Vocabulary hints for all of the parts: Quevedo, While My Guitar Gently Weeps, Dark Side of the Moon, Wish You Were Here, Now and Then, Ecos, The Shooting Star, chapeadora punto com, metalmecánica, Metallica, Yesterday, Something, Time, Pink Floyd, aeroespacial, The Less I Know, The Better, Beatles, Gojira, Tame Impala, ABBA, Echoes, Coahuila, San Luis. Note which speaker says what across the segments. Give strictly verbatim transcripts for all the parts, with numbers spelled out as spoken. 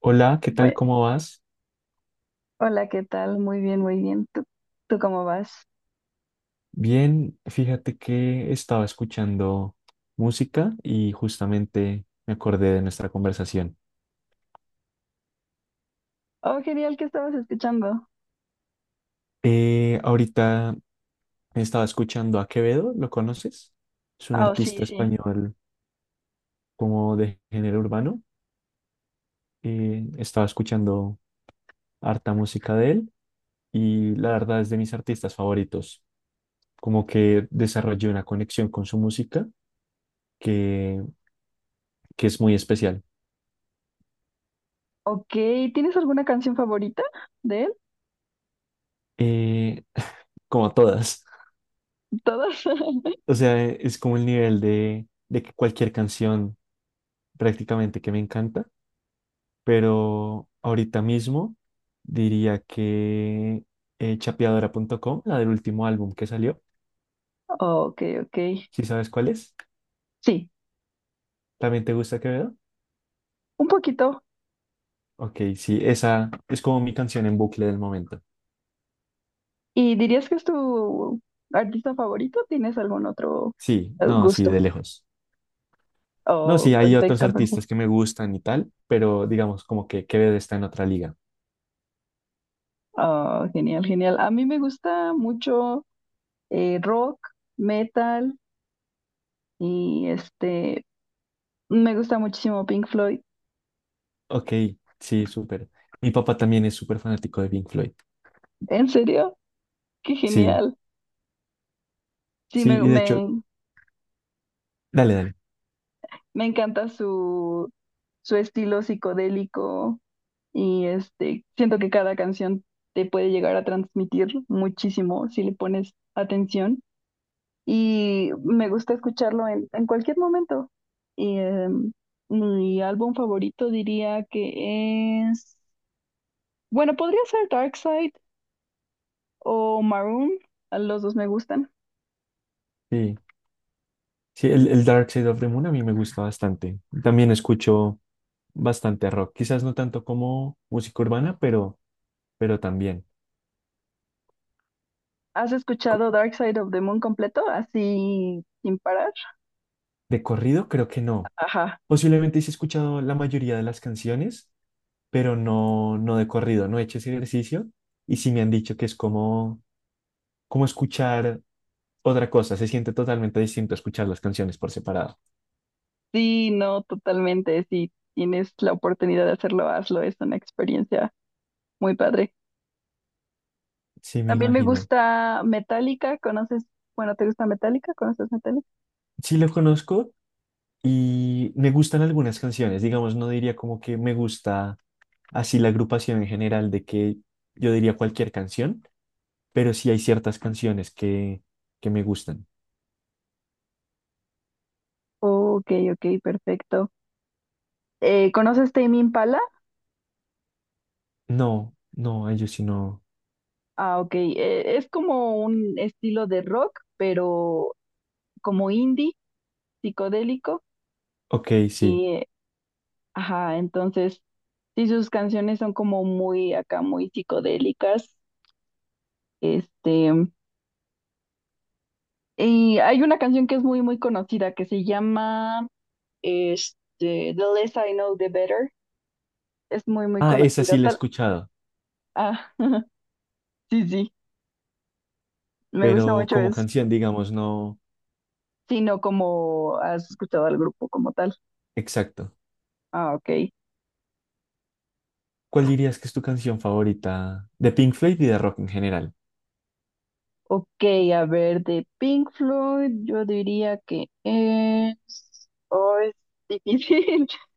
Speaker 1: Hola, ¿qué tal?
Speaker 2: Bue-
Speaker 1: ¿Cómo vas?
Speaker 2: Hola, ¿qué tal? Muy bien, muy bien. ¿Tú, tú cómo vas?
Speaker 1: Bien, fíjate que estaba escuchando música y justamente me acordé de nuestra conversación.
Speaker 2: Oh, genial, ¿qué estabas escuchando?
Speaker 1: Eh, ahorita estaba escuchando a Quevedo, ¿lo conoces? Es un
Speaker 2: Ah, oh, sí,
Speaker 1: artista
Speaker 2: sí.
Speaker 1: español como de género urbano. Eh, estaba escuchando harta música de él y la verdad es de mis artistas favoritos. Como que desarrollé una conexión con su música que, que es muy especial.
Speaker 2: Ok, ¿tienes alguna canción favorita de él?
Speaker 1: Eh, como todas.
Speaker 2: ¿Todas?
Speaker 1: O sea, e, es como el nivel de, de que cualquier canción prácticamente que me encanta, pero ahorita mismo diría que eh, chapeadora punto com, la del último álbum que salió,
Speaker 2: Oh, ok, ok.
Speaker 1: ¿si sabes cuál es?
Speaker 2: Sí,
Speaker 1: ¿También te gusta Quevedo?
Speaker 2: un poquito.
Speaker 1: Ok, sí, esa es como mi canción en bucle del momento.
Speaker 2: ¿Y dirías que es tu artista favorito? ¿Tienes algún otro
Speaker 1: Sí,
Speaker 2: eh,
Speaker 1: no, sí,
Speaker 2: gusto?
Speaker 1: de lejos. No,
Speaker 2: Oh,
Speaker 1: sí, hay otros
Speaker 2: perfecto, perfecto.
Speaker 1: artistas que me gustan y tal, pero digamos como que Quevedo está en otra liga.
Speaker 2: Oh, genial, genial. A mí me gusta mucho eh, rock, metal y este, me gusta muchísimo Pink Floyd.
Speaker 1: Ok, sí, súper. Mi papá también es súper fanático de Pink Floyd.
Speaker 2: ¿En serio? Qué
Speaker 1: Sí.
Speaker 2: genial. Sí, me,
Speaker 1: Sí, y de hecho,
Speaker 2: me,
Speaker 1: dale, dale.
Speaker 2: me encanta su, su estilo psicodélico y este, siento que cada canción te puede llegar a transmitir muchísimo si le pones atención y me gusta escucharlo en, en cualquier momento. Y, em, mi álbum favorito diría que es, bueno, podría ser Dark Side o Maroon, a los dos me gustan.
Speaker 1: Sí, sí, el, el Dark Side of the Moon a mí me gusta bastante. También escucho bastante rock, quizás no tanto como música urbana, pero, pero también.
Speaker 2: ¿Has
Speaker 1: Co-
Speaker 2: escuchado Dark Side of the Moon completo, así sin parar?
Speaker 1: De corrido creo que no.
Speaker 2: Ajá.
Speaker 1: Posiblemente sí he escuchado la mayoría de las canciones, pero no, no de corrido, no he hecho ese ejercicio y sí me han dicho que es como, como escuchar otra cosa, se siente totalmente distinto escuchar las canciones por separado.
Speaker 2: Sí, no, totalmente. Si tienes la oportunidad de hacerlo, hazlo. Es una experiencia muy padre.
Speaker 1: Sí, me
Speaker 2: También me
Speaker 1: imagino.
Speaker 2: gusta Metallica. ¿Conoces? Bueno, ¿te gusta Metallica? ¿Conoces Metallica?
Speaker 1: Sí lo conozco. Y me gustan algunas canciones, digamos, no diría como que me gusta así la agrupación en general de que yo diría cualquier canción, pero sí hay ciertas canciones que, que me gustan.
Speaker 2: Ok, ok, perfecto. Eh, ¿conoces Tame Impala?
Speaker 1: No, no, ellos sí no.
Speaker 2: Ah, ok. Eh, es como un estilo de rock, pero como indie, psicodélico.
Speaker 1: Ok, sí.
Speaker 2: Y, eh, ajá, entonces, sí, sus canciones son como muy acá, muy psicodélicas. Este. Y hay una canción que es muy, muy conocida que se llama este, The Less I Know, The Better. Es muy, muy
Speaker 1: Ah, esa
Speaker 2: conocida.
Speaker 1: sí la he
Speaker 2: Tal.
Speaker 1: escuchado,
Speaker 2: Ah, sí, sí, me gusta
Speaker 1: pero
Speaker 2: mucho
Speaker 1: como
Speaker 2: eso.
Speaker 1: canción, digamos, no.
Speaker 2: Sí, no como has escuchado al grupo como tal.
Speaker 1: Exacto.
Speaker 2: Ah, ok.
Speaker 1: ¿Cuál dirías que es tu canción favorita de Pink Floyd y de rock en general?
Speaker 2: Ok, a ver, de Pink Floyd, yo diría que es. Oh, es difícil.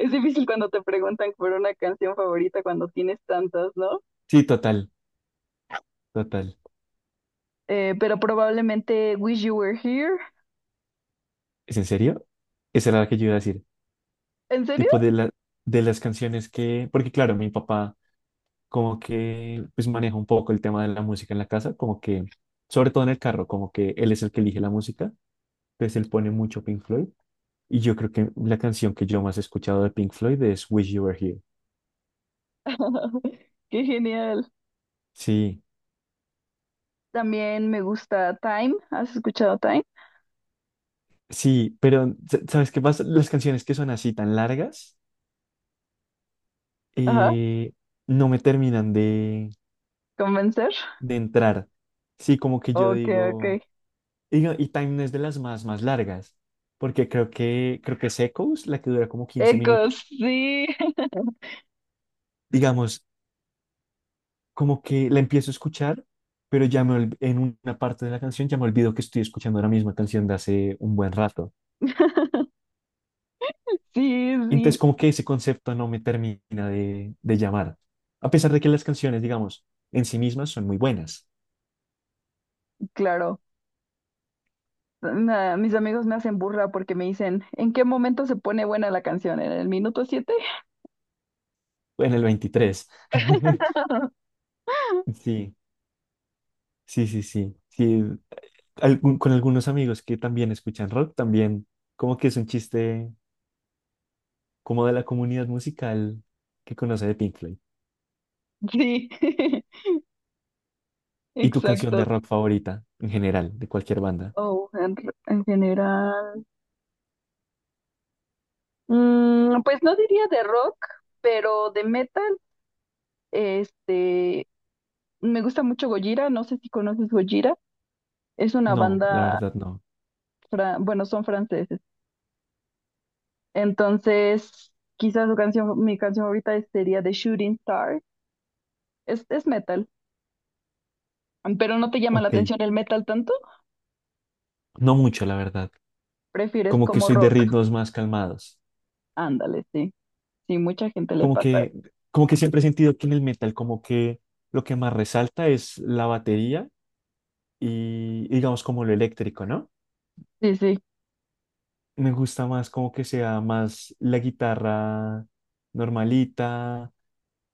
Speaker 2: Es difícil cuando te preguntan por una canción favorita cuando tienes tantas, ¿no?
Speaker 1: Sí, total, total.
Speaker 2: Eh, pero probablemente Wish You Were Here.
Speaker 1: ¿Es en serio? Esa era la que yo iba a decir.
Speaker 2: ¿En serio?
Speaker 1: Tipo de la, de las canciones que, porque claro, mi papá como que pues maneja un poco el tema de la música en la casa, como que, sobre todo en el carro, como que él es el que elige la música, entonces él pone mucho Pink Floyd. Y yo creo que la canción que yo más he escuchado de Pink Floyd es Wish You Were Here.
Speaker 2: Qué genial.
Speaker 1: Sí,
Speaker 2: También me gusta Time. ¿Has escuchado Time?
Speaker 1: sí, pero sa- ¿sabes qué pasa? Las canciones que son así tan largas
Speaker 2: Ajá.
Speaker 1: eh, no me terminan de,
Speaker 2: Convencer.
Speaker 1: de entrar. Sí, como que yo
Speaker 2: Ok,
Speaker 1: digo,
Speaker 2: ok.
Speaker 1: y, no- y Time no es de las más, más largas, porque creo que, creo que es Echoes, la que dura como quince minutos.
Speaker 2: Ecos, sí.
Speaker 1: Digamos, como que la empiezo a escuchar, pero ya me olv- en una parte de la canción ya me olvido que estoy escuchando la misma canción de hace un buen rato.
Speaker 2: Sí, sí,
Speaker 1: Entonces, como que ese concepto no me termina de, de llamar, a pesar de que las canciones, digamos, en sí mismas son muy buenas.
Speaker 2: claro. Na- mis amigos me hacen burla porque me dicen, ¿en qué momento se pone buena la canción? ¿En el minuto siete?
Speaker 1: En el veintitrés. Sí, sí, sí, sí. Sí, algún- con algunos amigos que también escuchan rock, también como que es un chiste como de la comunidad musical que conoce de Pink Floyd.
Speaker 2: Sí,
Speaker 1: ¿Y tu canción de
Speaker 2: exacto.
Speaker 1: rock favorita en general, de cualquier banda?
Speaker 2: Oh, en, r- en general. Mm, pues no diría de rock, pero de metal. Este, Me gusta mucho Gojira, no sé si conoces Gojira, es una
Speaker 1: No, la
Speaker 2: banda,
Speaker 1: verdad no.
Speaker 2: fra- bueno, son franceses. Entonces, quizás su canción, mi canción favorita es- sería The Shooting Star. Es, es metal, pero no te llama la
Speaker 1: Ok,
Speaker 2: atención el metal tanto,
Speaker 1: no mucho, la verdad.
Speaker 2: prefieres
Speaker 1: Como que
Speaker 2: como
Speaker 1: soy de
Speaker 2: rock.
Speaker 1: ritmos más calmados.
Speaker 2: Ándale, sí, sí, mucha gente le
Speaker 1: Como
Speaker 2: pasa. Eso.
Speaker 1: que, como que siempre he sentido que en el metal, como que lo que más resalta es la batería y digamos como lo eléctrico, ¿no?
Speaker 2: Sí, sí,
Speaker 1: Me gusta más como que sea más la guitarra normalita,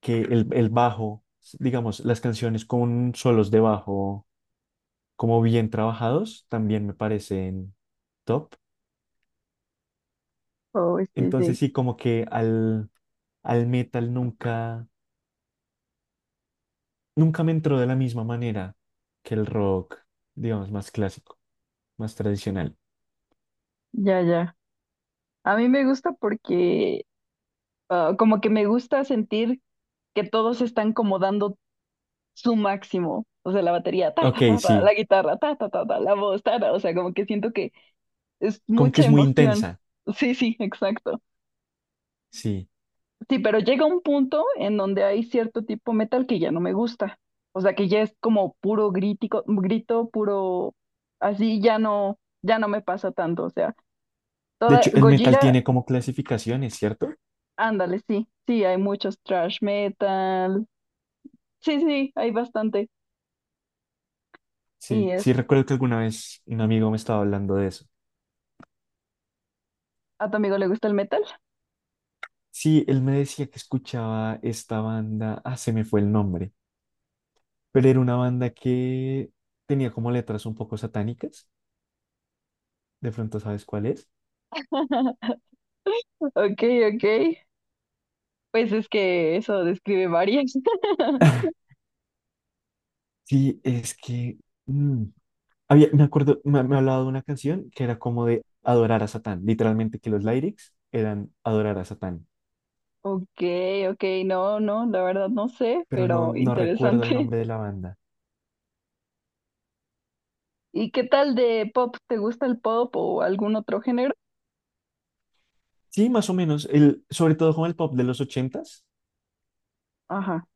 Speaker 1: que el, el bajo, digamos, las canciones con solos de bajo como bien trabajados también me parecen top.
Speaker 2: oh, sí, sí,
Speaker 1: Entonces sí, como que al, al metal nunca, nunca me entró de la misma manera que el rock, digamos, más clásico, más tradicional.
Speaker 2: ya, ya. A mí me gusta porque ah, como que me gusta sentir que todos están como dando su máximo, o sea, la batería, ta,
Speaker 1: Ok,
Speaker 2: ta, ta, ta,
Speaker 1: sí,
Speaker 2: la guitarra, ta, ta, ta, ta, la voz, ta, ta, o sea, como que siento que es
Speaker 1: como que
Speaker 2: mucha
Speaker 1: es muy
Speaker 2: emoción.
Speaker 1: intensa,
Speaker 2: Sí, sí, exacto.
Speaker 1: sí.
Speaker 2: Sí, pero llega un punto en donde hay cierto tipo metal que ya no me gusta, o sea, que ya es como puro grítico, grito, puro, así ya no, ya no me pasa tanto, o sea,
Speaker 1: De
Speaker 2: toda
Speaker 1: hecho, el metal
Speaker 2: Gojira,
Speaker 1: tiene como clasificaciones, ¿cierto?
Speaker 2: ándale, sí, sí, hay muchos trash metal, sí, sí, hay bastante. Y
Speaker 1: Sí, sí,
Speaker 2: es,
Speaker 1: recuerdo que alguna vez un amigo me estaba hablando de eso.
Speaker 2: ¿a tu amigo le gusta el metal?
Speaker 1: Sí, él me decía que escuchaba esta banda, ah, se me fue el nombre, pero era una banda que tenía como letras un poco satánicas, de pronto sabes cuál es.
Speaker 2: Ok, ok. Pues es que eso describe varias.
Speaker 1: Sí, es que mm, había, me acuerdo, me, me hablaba de una canción que era como de adorar a Satán, literalmente que los lyrics eran adorar a Satán,
Speaker 2: Ok, ok, no, no, la verdad no sé,
Speaker 1: pero no,
Speaker 2: pero
Speaker 1: no recuerdo el
Speaker 2: interesante.
Speaker 1: nombre de la banda.
Speaker 2: ¿Y qué tal de pop? ¿Te gusta el pop o algún otro género?
Speaker 1: Sí, más o menos, el, sobre todo con el pop de los ochentas,
Speaker 2: Ajá.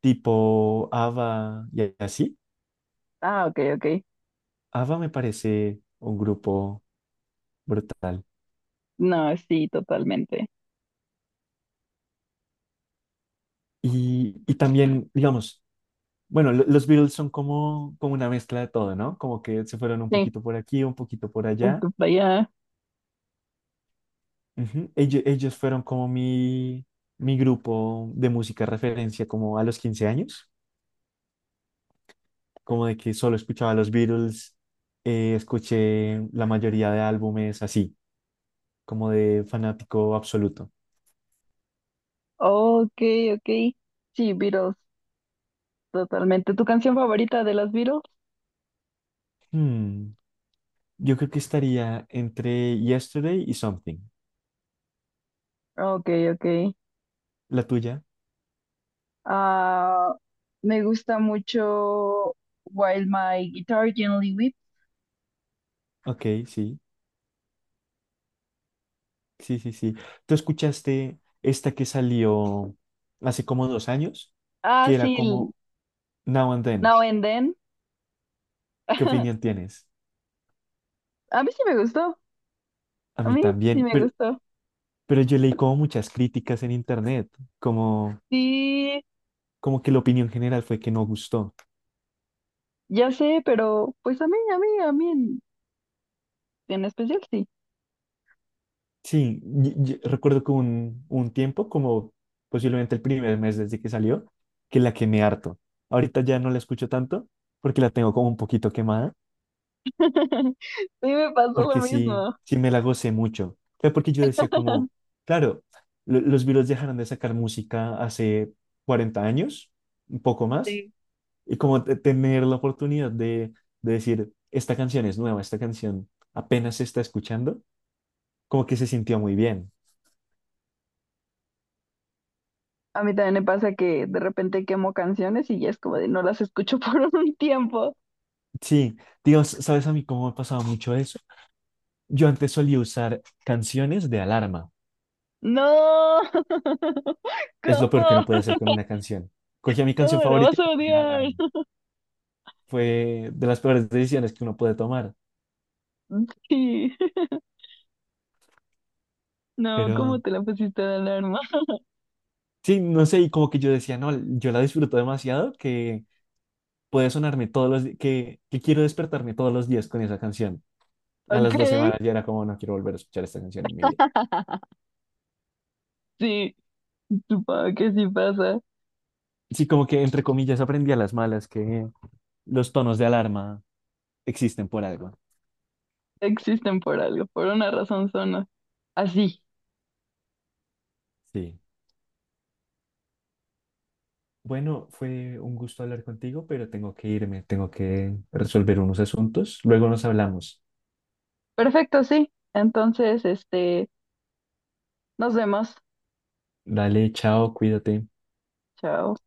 Speaker 1: tipo ABBA y así.
Speaker 2: Ah, ok, ok.
Speaker 1: ABBA me parece un grupo brutal.
Speaker 2: No, sí, totalmente.
Speaker 1: Y, y también, digamos, bueno, lo- los Beatles son como, como una mezcla de todo, ¿no? Como que se fueron un
Speaker 2: Sí,
Speaker 1: poquito por aquí, un poquito por
Speaker 2: voy
Speaker 1: allá.
Speaker 2: para allá.
Speaker 1: Ujú. Ellos, ellos fueron como mi, mi grupo de música referencia como a los quince años, como de que solo escuchaba los Beatles, eh, escuché la mayoría de álbumes así, como de fanático absoluto.
Speaker 2: Ok, ok. Sí, Beatles, totalmente. ¿Tu canción favorita de las Beatles?
Speaker 1: Hmm, yo creo que estaría entre Yesterday y Something.
Speaker 2: Ok, ok.
Speaker 1: La tuya,
Speaker 2: Ah, me gusta mucho While My Guitar Gently Weeps.
Speaker 1: ok, sí, sí, sí, sí. ¿Tú escuchaste esta que salió hace como dos años,
Speaker 2: Ah,
Speaker 1: que era
Speaker 2: sí, el
Speaker 1: como Now and Then?
Speaker 2: Now and Then.
Speaker 1: ¿Qué opinión tienes?
Speaker 2: A mí sí me gustó,
Speaker 1: A
Speaker 2: a
Speaker 1: mí
Speaker 2: mí sí
Speaker 1: también,
Speaker 2: me
Speaker 1: pero
Speaker 2: gustó.
Speaker 1: Pero yo leí como muchas críticas en internet, como,
Speaker 2: Sí,
Speaker 1: como que la opinión general fue que no gustó.
Speaker 2: ya sé, pero pues a mí, a mí, a mí en, en especial sí.
Speaker 1: Sí, y- y recuerdo que un, un tiempo, como posiblemente el primer mes desde que salió, que la quemé harto. Ahorita ya no la escucho tanto porque la tengo como un poquito quemada,
Speaker 2: Sí me pasó lo
Speaker 1: porque sí,
Speaker 2: mismo.
Speaker 1: sí me la gocé mucho. Fue porque yo decía como, claro, lo- los Beatles dejaron de sacar música hace cuarenta años, un poco más,
Speaker 2: Sí.
Speaker 1: y como te- tener la oportunidad de, de decir, esta canción es nueva, esta canción apenas se está escuchando, como que se sintió muy bien.
Speaker 2: A mí también me pasa que de repente quemo canciones y ya es como de no las escucho por un tiempo.
Speaker 1: Sí, Dios, ¿sabes a mí cómo me ha pasado mucho eso? Yo antes solía usar canciones de alarma.
Speaker 2: No,
Speaker 1: Es lo
Speaker 2: ¿cómo?
Speaker 1: peor que uno puede hacer con una canción. Cogía mi canción
Speaker 2: No, la
Speaker 1: favorita
Speaker 2: vas
Speaker 1: y
Speaker 2: a
Speaker 1: la ponía de
Speaker 2: odiar.
Speaker 1: alarma. Fue de las peores decisiones que uno puede tomar.
Speaker 2: Sí, no, ¿cómo
Speaker 1: Pero
Speaker 2: te la pusiste de alarma?
Speaker 1: sí, no sé, y como que yo decía, no, yo la disfruto demasiado que puede sonarme todos los días, que, que quiero despertarme todos los días con esa canción. A
Speaker 2: Ok,
Speaker 1: las dos semanas ya era como, no quiero volver a escuchar esta canción en mi vida.
Speaker 2: sí, supongo que sí pasa.
Speaker 1: Sí, como que entre comillas aprendí a las malas que los tonos de alarma existen por algo.
Speaker 2: Existen por algo, por una razón son a- así.
Speaker 1: Sí. Bueno, fue un gusto hablar contigo, pero tengo que irme, tengo que resolver unos asuntos. Luego nos hablamos.
Speaker 2: Perfecto, sí. Entonces, este, nos vemos.
Speaker 1: Dale, chao, cuídate.
Speaker 2: Chao.